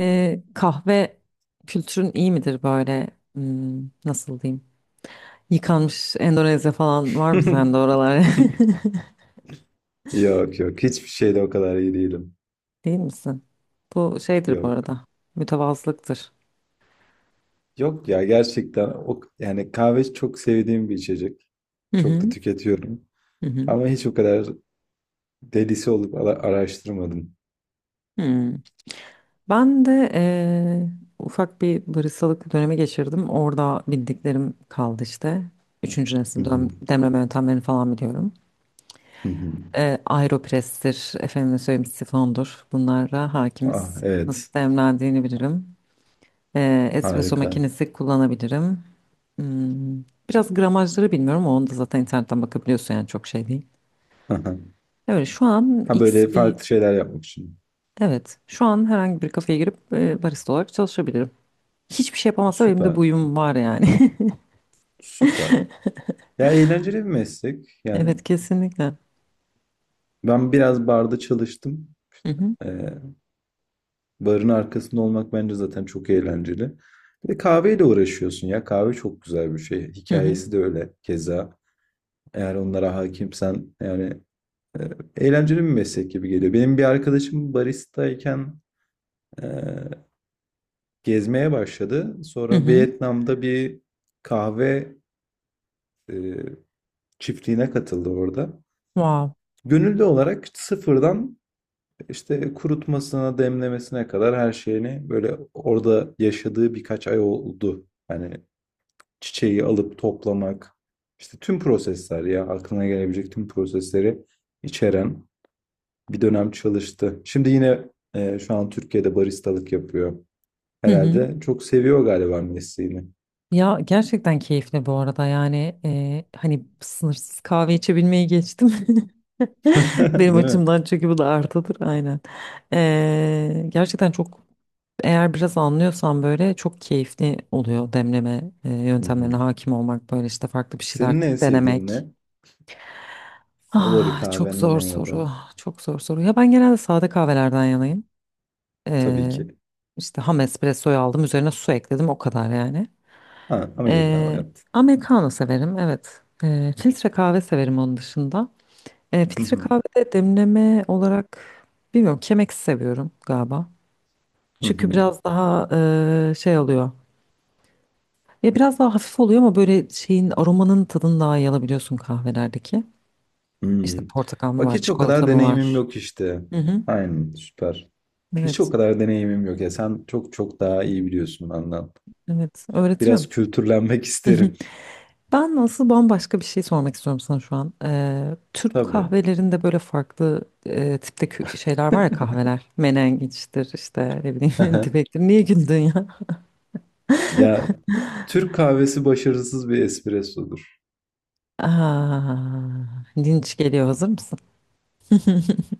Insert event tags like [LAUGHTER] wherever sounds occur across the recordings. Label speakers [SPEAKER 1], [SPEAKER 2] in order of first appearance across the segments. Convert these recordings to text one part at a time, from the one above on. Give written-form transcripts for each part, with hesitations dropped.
[SPEAKER 1] Kahve kültürün iyi midir böyle? Nasıl diyeyim? Yıkanmış Endonezya falan var mı sende
[SPEAKER 2] [LAUGHS]
[SPEAKER 1] oralar?
[SPEAKER 2] Yok, yok, hiçbir şeyde o kadar iyi değilim.
[SPEAKER 1] [LAUGHS] Değil misin? Bu şeydir bu
[SPEAKER 2] Yok.
[SPEAKER 1] arada. Mütevazılıktır.
[SPEAKER 2] Yok ya, gerçekten o yani kahve çok sevdiğim bir içecek.
[SPEAKER 1] Hı
[SPEAKER 2] Çok da
[SPEAKER 1] hı.
[SPEAKER 2] tüketiyorum.
[SPEAKER 1] Hı hı.
[SPEAKER 2] Ama hiç o kadar delisi olup araştırmadım.
[SPEAKER 1] Hmm. Ben de ufak bir baristalık dönemi geçirdim. Orada bildiklerim kaldı işte. Üçüncü
[SPEAKER 2] Hı
[SPEAKER 1] nesil
[SPEAKER 2] hı,
[SPEAKER 1] demleme yöntemlerini falan biliyorum.
[SPEAKER 2] hı hı.
[SPEAKER 1] Aeropress'tir, efendime söyleyeyim, sifondur. Bunlara
[SPEAKER 2] Ah,
[SPEAKER 1] hakimiz.
[SPEAKER 2] evet.
[SPEAKER 1] Nasıl demlendiğini bilirim. Espresso
[SPEAKER 2] Harika.
[SPEAKER 1] makinesi kullanabilirim. Hmm, Biraz gramajları bilmiyorum, ama onu da zaten internetten bakabiliyorsun, yani çok şey değil.
[SPEAKER 2] Hı hı.
[SPEAKER 1] Evet şu an
[SPEAKER 2] Ha,
[SPEAKER 1] X
[SPEAKER 2] böyle
[SPEAKER 1] bir
[SPEAKER 2] farklı şeyler yapmak için.
[SPEAKER 1] evet şu an herhangi bir kafeye girip barista olarak çalışabilirim. Hiçbir şey yapamazsa benim de bu
[SPEAKER 2] Süper.
[SPEAKER 1] uyum var yani.
[SPEAKER 2] Süper. Ya, eğlenceli bir meslek.
[SPEAKER 1] [LAUGHS]
[SPEAKER 2] Yani
[SPEAKER 1] Evet, kesinlikle.
[SPEAKER 2] ben biraz barda çalıştım.
[SPEAKER 1] Hı hı.
[SPEAKER 2] Barın arkasında olmak bence zaten çok eğlenceli. Bir de kahveyle uğraşıyorsun ya. Kahve çok güzel bir şey.
[SPEAKER 1] Hı hı.
[SPEAKER 2] Hikayesi de öyle keza. Eğer onlara hakimsen yani e, eğlenceli bir meslek gibi geliyor. Benim bir arkadaşım baristayken e, gezmeye başladı.
[SPEAKER 1] Hı
[SPEAKER 2] Sonra
[SPEAKER 1] hı.
[SPEAKER 2] Vietnam'da bir kahve e, çiftliğine katıldı orada.
[SPEAKER 1] Wow.
[SPEAKER 2] Gönüllü olarak sıfırdan işte kurutmasına, demlemesine kadar her şeyini böyle orada yaşadığı birkaç ay oldu. Hani çiçeği alıp toplamak, işte tüm prosesler ya aklına gelebilecek tüm prosesleri içeren bir dönem çalıştı. Şimdi yine şu an Türkiye'de baristalık yapıyor.
[SPEAKER 1] Hı hı.
[SPEAKER 2] Herhalde çok seviyor galiba mesleğini.
[SPEAKER 1] Ya gerçekten keyifli bu arada, yani hani sınırsız kahve içebilmeyi geçtim. [LAUGHS]
[SPEAKER 2] [LAUGHS]
[SPEAKER 1] Benim
[SPEAKER 2] Değil mi?
[SPEAKER 1] açımdan, çünkü bu da artıdır aynen. Gerçekten çok, eğer biraz anlıyorsan böyle çok keyifli oluyor, demleme
[SPEAKER 2] Hı
[SPEAKER 1] yöntemlerine
[SPEAKER 2] hı.
[SPEAKER 1] hakim olmak, böyle işte farklı bir şeyler
[SPEAKER 2] Senin en sevdiğin ne?
[SPEAKER 1] denemek.
[SPEAKER 2] Favori
[SPEAKER 1] Ah, çok
[SPEAKER 2] kahven
[SPEAKER 1] zor
[SPEAKER 2] ne ya da?
[SPEAKER 1] soru, çok zor soru. Ya ben genelde sade kahvelerden yanayım.
[SPEAKER 2] Tabii
[SPEAKER 1] E,
[SPEAKER 2] ki.
[SPEAKER 1] işte ham espressoyu aldım, üzerine su ekledim, o kadar yani.
[SPEAKER 2] Ha, Amerikanlı
[SPEAKER 1] Ee,
[SPEAKER 2] yaptın.
[SPEAKER 1] Americano severim, evet. Filtre kahve severim onun dışında.
[SPEAKER 2] Hı
[SPEAKER 1] Filtre
[SPEAKER 2] hı.
[SPEAKER 1] kahvede demleme olarak bilmiyorum, Chemex seviyorum galiba.
[SPEAKER 2] Hı
[SPEAKER 1] Çünkü
[SPEAKER 2] hı.
[SPEAKER 1] biraz daha şey oluyor. Ya biraz daha hafif oluyor, ama böyle şeyin, aromanın tadını daha iyi alabiliyorsun kahvelerdeki. İşte
[SPEAKER 2] Hmm.
[SPEAKER 1] portakal mı
[SPEAKER 2] Bak,
[SPEAKER 1] var,
[SPEAKER 2] hiç o kadar
[SPEAKER 1] çikolata mı
[SPEAKER 2] deneyimim
[SPEAKER 1] var?
[SPEAKER 2] yok işte.
[SPEAKER 1] Hı hı.
[SPEAKER 2] Aynen, süper. Hiç o
[SPEAKER 1] Evet,
[SPEAKER 2] kadar deneyimim yok ya. Sen çok çok daha iyi biliyorsun benden.
[SPEAKER 1] evet.
[SPEAKER 2] Biraz
[SPEAKER 1] Öğretirim.
[SPEAKER 2] kültürlenmek [LAUGHS] isterim.
[SPEAKER 1] [LAUGHS] Ben, nasıl, bambaşka bir şey sormak istiyorum sana şu an. Türk
[SPEAKER 2] Tabii.
[SPEAKER 1] kahvelerinde böyle farklı tipte şeyler var ya, kahveler. Menengiçtir işte, ne bileyim, [LAUGHS]
[SPEAKER 2] Aha.
[SPEAKER 1] dibektir. Niye güldün ya?
[SPEAKER 2] Ya, Türk kahvesi başarısız bir espressodur.
[SPEAKER 1] [LAUGHS] Aa, linç geliyor, hazır mısın?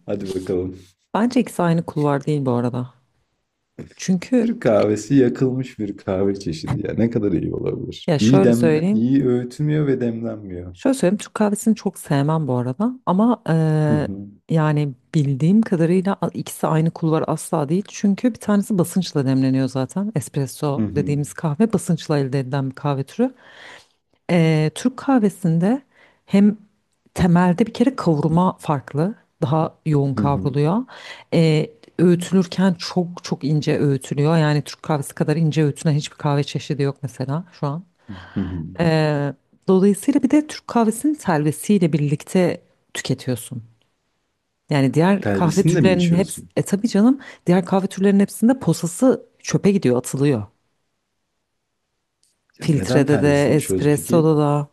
[SPEAKER 2] Hadi bakalım.
[SPEAKER 1] Bence ikisi aynı kulvar değil bu arada. Çünkü
[SPEAKER 2] Türk kahvesi yakılmış bir kahve çeşidi ya. Ne kadar iyi olabilir?
[SPEAKER 1] ya
[SPEAKER 2] İyi
[SPEAKER 1] şöyle
[SPEAKER 2] dem
[SPEAKER 1] söyleyeyim.
[SPEAKER 2] iyi öğütülmüyor ve demlenmiyor.
[SPEAKER 1] Şöyle söyleyeyim, Türk kahvesini çok sevmem bu arada ama
[SPEAKER 2] Hı hı.
[SPEAKER 1] yani bildiğim kadarıyla ikisi aynı kulvar asla değil. Çünkü bir tanesi basınçla demleniyor zaten.
[SPEAKER 2] Hı
[SPEAKER 1] Espresso
[SPEAKER 2] hı.
[SPEAKER 1] dediğimiz kahve basınçla elde edilen bir kahve türü. Türk kahvesinde hem temelde bir kere kavurma farklı. Daha yoğun
[SPEAKER 2] Hı hı.
[SPEAKER 1] kavruluyor. Eee, Öğütülürken çok çok ince öğütülüyor. Yani Türk kahvesi kadar ince öğütülen hiçbir kahve çeşidi yok mesela şu an.
[SPEAKER 2] Hı hı.
[SPEAKER 1] Ee, Dolayısıyla bir de Türk kahvesinin telvesiyle birlikte tüketiyorsun. Yani diğer kahve
[SPEAKER 2] Telvesini de mi
[SPEAKER 1] türlerinin hepsi,
[SPEAKER 2] içiyorsun?
[SPEAKER 1] tabii canım, diğer kahve türlerinin hepsinde posası çöpe gidiyor, atılıyor.
[SPEAKER 2] Ya neden
[SPEAKER 1] Filtrede de,
[SPEAKER 2] telvesini içiyoruz peki?
[SPEAKER 1] espressoda da.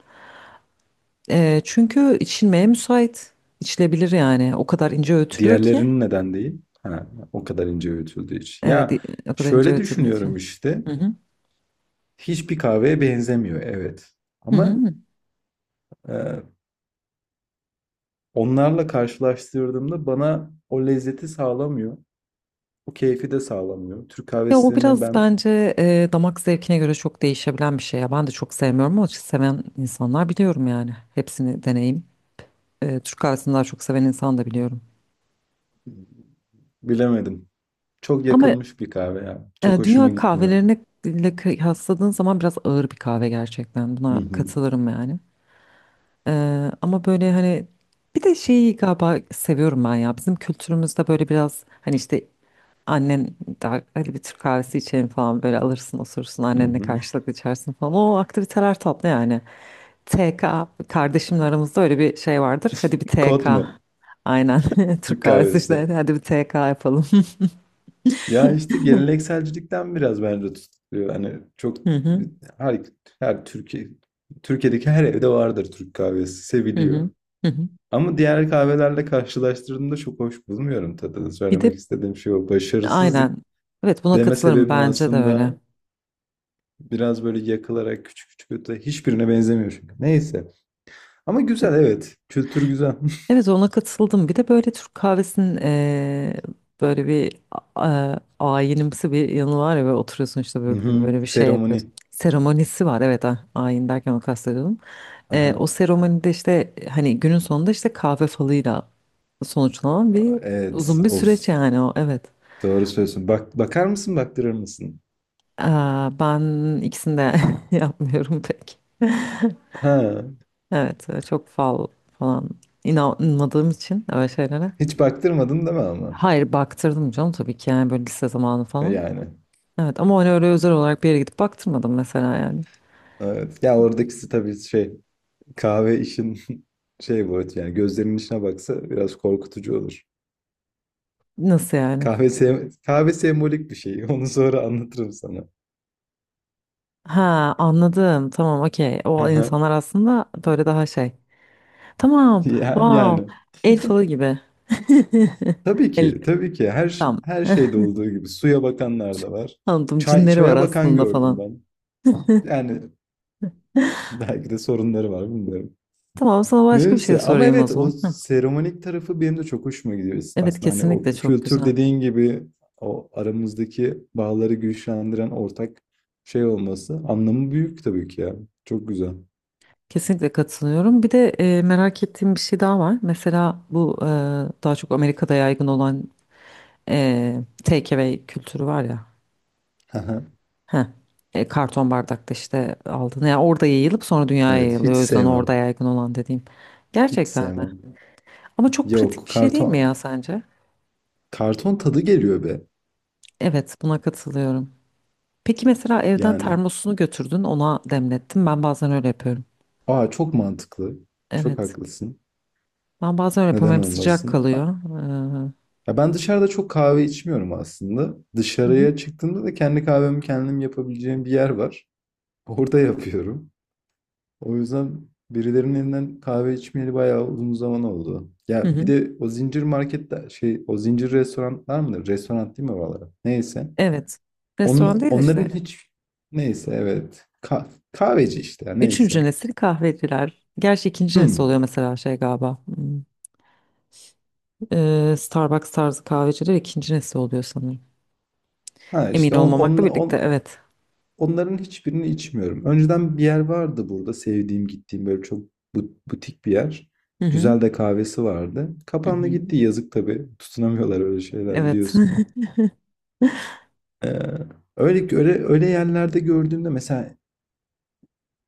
[SPEAKER 1] Çünkü içilmeye müsait. İçilebilir yani. O kadar ince öğütülüyor ki.
[SPEAKER 2] Diğerlerinin neden değil? Ha, o kadar ince öğütüldüğü için.
[SPEAKER 1] Evet,
[SPEAKER 2] Ya,
[SPEAKER 1] o kadar ince
[SPEAKER 2] şöyle
[SPEAKER 1] öğütüldüğü
[SPEAKER 2] düşünüyorum
[SPEAKER 1] için.
[SPEAKER 2] işte.
[SPEAKER 1] Hı hı.
[SPEAKER 2] Hiçbir kahveye benzemiyor, evet.
[SPEAKER 1] Hı
[SPEAKER 2] Ama
[SPEAKER 1] hı.
[SPEAKER 2] e, onlarla karşılaştırdığımda bana o lezzeti sağlamıyor. O keyfi de sağlamıyor. Türk
[SPEAKER 1] Ya o
[SPEAKER 2] kahvesini
[SPEAKER 1] biraz
[SPEAKER 2] ben
[SPEAKER 1] bence damak zevkine göre çok değişebilen bir şey ya. Ben de çok sevmiyorum ama seven insanlar biliyorum yani. Hepsini deneyim. Türk kahvesini daha çok seven insan da biliyorum.
[SPEAKER 2] bilemedim. Çok
[SPEAKER 1] Ama
[SPEAKER 2] yakılmış bir kahve ya. Çok hoşuma
[SPEAKER 1] dünya
[SPEAKER 2] gitmiyor.
[SPEAKER 1] kahvelerine ile kıyasladığın zaman biraz ağır bir kahve gerçekten.
[SPEAKER 2] Hı
[SPEAKER 1] Buna
[SPEAKER 2] hı,
[SPEAKER 1] katılırım yani. E, ama böyle hani bir de şeyi galiba seviyorum ben ya. Bizim kültürümüzde böyle biraz hani işte annen, daha, hadi bir Türk kahvesi içelim falan, böyle alırsın, osursun
[SPEAKER 2] hı
[SPEAKER 1] annenle
[SPEAKER 2] hı.
[SPEAKER 1] karşılıklı içersin falan. O aktiviteler tatlı yani. TK, kardeşimle aramızda öyle bir şey vardır. Hadi bir
[SPEAKER 2] Kod
[SPEAKER 1] TK.
[SPEAKER 2] mu?
[SPEAKER 1] Aynen. [LAUGHS] Türk
[SPEAKER 2] Türk
[SPEAKER 1] kahvesi işte.
[SPEAKER 2] kahvesi.
[SPEAKER 1] Hadi bir TK yapalım. [LAUGHS]
[SPEAKER 2] Ya işte gelenekselcilikten biraz bence tutuluyor. Hani çok
[SPEAKER 1] Hı hı.
[SPEAKER 2] her, her Türkiye'deki her evde vardır, Türk kahvesi
[SPEAKER 1] Hı
[SPEAKER 2] seviliyor.
[SPEAKER 1] hı. Hı hı.
[SPEAKER 2] Ama diğer kahvelerle karşılaştırdığımda çok hoş bulmuyorum tadını.
[SPEAKER 1] Bir
[SPEAKER 2] Söylemek
[SPEAKER 1] de
[SPEAKER 2] istediğim şey o. Başarısız
[SPEAKER 1] aynen. Evet, buna
[SPEAKER 2] deme
[SPEAKER 1] katılırım,
[SPEAKER 2] sebebim
[SPEAKER 1] bence de öyle.
[SPEAKER 2] aslında biraz böyle yakılarak küçük küçük öte hiçbirine benzemiyor çünkü. Neyse. Ama güzel,
[SPEAKER 1] Evet,
[SPEAKER 2] evet. Kültür güzel.
[SPEAKER 1] evet, ona katıldım. Bir de böyle Türk kahvesinin böyle bir ayinimsi bir yanı var ya, böyle oturuyorsun işte,
[SPEAKER 2] [LAUGHS] Hı
[SPEAKER 1] böyle,
[SPEAKER 2] hı.
[SPEAKER 1] böyle bir şey
[SPEAKER 2] Seremoni.
[SPEAKER 1] yapıyorsun. Seremonisi var, evet, ha, ayin derken onu kastediyordum.
[SPEAKER 2] Aha.
[SPEAKER 1] O seremonide işte, hani günün sonunda işte kahve falıyla sonuçlanan bir
[SPEAKER 2] Evet.
[SPEAKER 1] uzun bir süreç
[SPEAKER 2] Of.
[SPEAKER 1] yani, o, evet.
[SPEAKER 2] Doğru söylüyorsun. Bak, bakar mısın, baktırır mısın?
[SPEAKER 1] Aa, ben ikisini de [LAUGHS] yapmıyorum pek.
[SPEAKER 2] Ha.
[SPEAKER 1] Evet, çok fal falan inanmadığım için öyle şeylere.
[SPEAKER 2] Hiç baktırmadın değil mi ama?
[SPEAKER 1] Hayır, baktırdım canım tabii ki, yani böyle lise zamanı
[SPEAKER 2] E,
[SPEAKER 1] falan.
[SPEAKER 2] yani.
[SPEAKER 1] Evet, ama hani öyle özel olarak bir yere gidip baktırmadım mesela yani.
[SPEAKER 2] Evet. Ya oradakisi tabii şey kahve işin [LAUGHS] şey bu evet yani gözlerinin içine baksa biraz korkutucu olur.
[SPEAKER 1] Nasıl yani?
[SPEAKER 2] Kahve sembolik bir şey. [LAUGHS] Onu sonra anlatırım sana.
[SPEAKER 1] Ha, anladım, tamam, okey. O
[SPEAKER 2] Aha.
[SPEAKER 1] insanlar aslında böyle daha şey. Tamam,
[SPEAKER 2] Ya, yani,
[SPEAKER 1] wow, el falı gibi. [LAUGHS]
[SPEAKER 2] tabii
[SPEAKER 1] El,
[SPEAKER 2] ki, tabii ki,
[SPEAKER 1] tam.
[SPEAKER 2] her şeyde
[SPEAKER 1] [LAUGHS]
[SPEAKER 2] olduğu gibi suya bakanlar da var.
[SPEAKER 1] Anladım,
[SPEAKER 2] Çay,
[SPEAKER 1] cinleri var
[SPEAKER 2] çaya bakan
[SPEAKER 1] aslında
[SPEAKER 2] gördüm
[SPEAKER 1] falan.
[SPEAKER 2] ben.
[SPEAKER 1] [LAUGHS]
[SPEAKER 2] Yani belki de sorunları var bilmiyorum.
[SPEAKER 1] Tamam, sana başka bir şey
[SPEAKER 2] Neyse, ama
[SPEAKER 1] sorayım o
[SPEAKER 2] evet, o
[SPEAKER 1] zaman. Hı.
[SPEAKER 2] seremonik tarafı benim de çok hoşuma gidiyor. Biz
[SPEAKER 1] Evet,
[SPEAKER 2] aslında hani o
[SPEAKER 1] kesinlikle çok
[SPEAKER 2] kültür
[SPEAKER 1] güzel.
[SPEAKER 2] dediğin gibi o aramızdaki bağları güçlendiren ortak şey olması anlamı büyük tabii ki ya, çok güzel.
[SPEAKER 1] Kesinlikle katılıyorum. Bir de merak ettiğim bir şey daha var. Mesela bu daha çok Amerika'da yaygın olan e, takeaway kültürü var ya.
[SPEAKER 2] Aha.
[SPEAKER 1] Heh, karton bardakta işte aldın. Yani orada yayılıp sonra dünyaya
[SPEAKER 2] Evet,
[SPEAKER 1] yayılıyor.
[SPEAKER 2] hiç
[SPEAKER 1] O yüzden orada
[SPEAKER 2] sevmem,
[SPEAKER 1] yaygın olan dediğim.
[SPEAKER 2] hiç
[SPEAKER 1] Gerçekten mi?
[SPEAKER 2] sevmem,
[SPEAKER 1] Ama çok pratik
[SPEAKER 2] yok,
[SPEAKER 1] bir şey değil mi
[SPEAKER 2] karton
[SPEAKER 1] ya, sence?
[SPEAKER 2] karton tadı geliyor be.
[SPEAKER 1] Evet, buna katılıyorum. Peki mesela evden
[SPEAKER 2] Yani,
[SPEAKER 1] termosunu götürdün, ona demlettin. Ben bazen öyle yapıyorum.
[SPEAKER 2] aa, çok mantıklı, çok
[SPEAKER 1] Evet.
[SPEAKER 2] haklısın,
[SPEAKER 1] Ben bazen öyle yapıyorum.
[SPEAKER 2] neden
[SPEAKER 1] Hem sıcak
[SPEAKER 2] olmasın.
[SPEAKER 1] kalıyor.
[SPEAKER 2] Ya ben dışarıda çok kahve içmiyorum, aslında
[SPEAKER 1] Hı hı.
[SPEAKER 2] dışarıya çıktığımda da kendi kahvemi kendim yapabileceğim bir yer var. Orada yapıyorum. O yüzden birilerinin elinden kahve içmeyeli bayağı uzun zaman oldu.
[SPEAKER 1] Hı
[SPEAKER 2] Ya bir
[SPEAKER 1] hı.
[SPEAKER 2] de o zincir marketler, şey, o zincir restoranlar mıdır? Restoran değil mi oralara? Neyse.
[SPEAKER 1] Evet. Restoran değil
[SPEAKER 2] Onların
[SPEAKER 1] işte.
[SPEAKER 2] hiç neyse evet. Kahveci işte ya
[SPEAKER 1] Üçüncü
[SPEAKER 2] neyse.
[SPEAKER 1] nesil kahveciler. Gerçi ikinci nesil
[SPEAKER 2] Hmm.
[SPEAKER 1] oluyor mesela, şey galiba. Hmm. Starbucks tarzı kahveciler ikinci nesil oluyor sanırım.
[SPEAKER 2] Ha
[SPEAKER 1] Emin
[SPEAKER 2] işte
[SPEAKER 1] olmamakla birlikte, evet.
[SPEAKER 2] onların hiçbirini içmiyorum. Önceden bir yer vardı burada sevdiğim, gittiğim, böyle çok butik bir yer.
[SPEAKER 1] Hı hı.
[SPEAKER 2] Güzel de kahvesi vardı.
[SPEAKER 1] Hı
[SPEAKER 2] Kapandı
[SPEAKER 1] hı.
[SPEAKER 2] gitti, yazık tabii. Tutunamıyorlar öyle şeyler,
[SPEAKER 1] Evet.
[SPEAKER 2] biliyorsun. Ee, öyle öyle öyle yerlerde gördüğümde mesela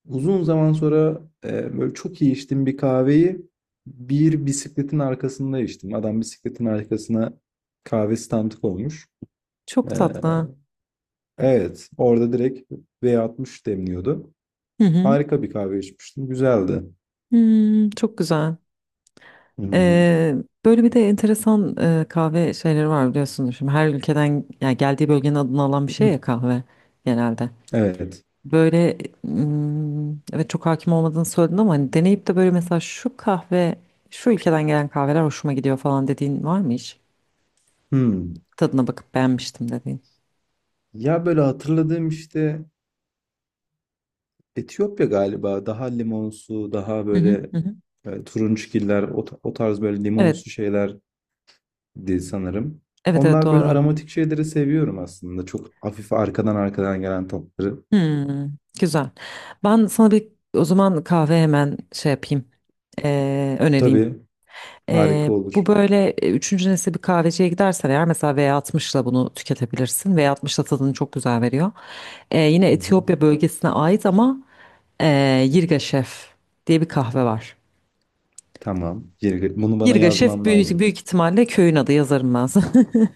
[SPEAKER 2] uzun zaman sonra böyle çok iyi içtiğim bir kahveyi bir bisikletin arkasında içtim. Adam bisikletin arkasına kahve standı koymuş.
[SPEAKER 1] [LAUGHS]
[SPEAKER 2] Ee,
[SPEAKER 1] Çok tatlı.
[SPEAKER 2] evet, orada direkt V60 demliyordu.
[SPEAKER 1] Hı hı.
[SPEAKER 2] Harika bir kahve içmiştim. Güzeldi.
[SPEAKER 1] Hmm, çok güzel.
[SPEAKER 2] Hmm.
[SPEAKER 1] Ee, Böyle bir de enteresan kahve şeyleri var, biliyorsunuz. Şimdi her ülkeden, yani geldiği bölgenin adını alan bir şey ya
[SPEAKER 2] [CLEARS THROAT]
[SPEAKER 1] kahve genelde.
[SPEAKER 2] Evet.
[SPEAKER 1] Böyle evet, çok hakim olmadığını söyledin, ama hani deneyip de böyle, mesela şu kahve, şu ülkeden gelen kahveler hoşuma gidiyor falan dediğin var mı hiç?
[SPEAKER 2] Hmm.
[SPEAKER 1] Tadına bakıp beğenmiştim dediğin.
[SPEAKER 2] Ya böyle hatırladığım işte Etiyopya galiba daha limonsu, daha
[SPEAKER 1] Hı hı,
[SPEAKER 2] böyle
[SPEAKER 1] hı hı.
[SPEAKER 2] turunçgiller, o, o tarz böyle
[SPEAKER 1] Evet,
[SPEAKER 2] limonsu şeyler di sanırım.
[SPEAKER 1] evet, evet,
[SPEAKER 2] Onlar böyle
[SPEAKER 1] doğru.
[SPEAKER 2] aromatik şeyleri seviyorum aslında. Çok hafif arkadan arkadan gelen tatları.
[SPEAKER 1] Hmm, Güzel. Ben sana bir, o zaman kahve hemen şey yapayım, önereyim.
[SPEAKER 2] Tabii, harika olur.
[SPEAKER 1] Bu böyle, üçüncü nesil bir kahveciye gidersen eğer, mesela V60'la bunu tüketebilirsin. V60'la tadını çok güzel veriyor. Yine
[SPEAKER 2] Hı hı.
[SPEAKER 1] Etiyopya bölgesine ait ama, Ee, Yirga Şef diye bir kahve var.
[SPEAKER 2] Tamam. Bunu bana
[SPEAKER 1] Yirga Şef,
[SPEAKER 2] yazman
[SPEAKER 1] büyük,
[SPEAKER 2] lazım.
[SPEAKER 1] büyük ihtimalle köyün adı, yazarım ben sana.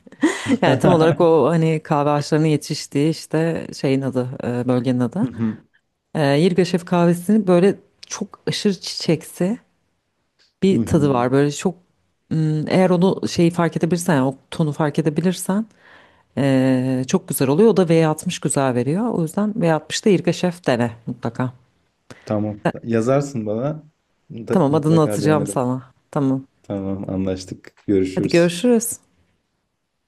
[SPEAKER 1] [LAUGHS]
[SPEAKER 2] [LAUGHS]
[SPEAKER 1] Yani tam olarak
[SPEAKER 2] Hı
[SPEAKER 1] o, hani kahve ağaçlarının yetiştiği işte şeyin adı, bölgenin adı.
[SPEAKER 2] hı.
[SPEAKER 1] Yirga Şef kahvesinin böyle çok aşırı çiçeksi
[SPEAKER 2] Hı
[SPEAKER 1] bir tadı
[SPEAKER 2] hı.
[SPEAKER 1] var. Böyle çok eğer onu, şeyi fark edebilirsen yani o tonu fark edebilirsen, çok güzel oluyor. O da V60 güzel veriyor. O yüzden V60'da Yirga Şef dene mutlaka.
[SPEAKER 2] Tamam. Yazarsın bana. Mutlaka,
[SPEAKER 1] Tamam, adını
[SPEAKER 2] mutlaka
[SPEAKER 1] atacağım
[SPEAKER 2] denerim.
[SPEAKER 1] sana. Tamam.
[SPEAKER 2] Tamam, anlaştık.
[SPEAKER 1] Hadi
[SPEAKER 2] Görüşürüz.
[SPEAKER 1] görüşürüz.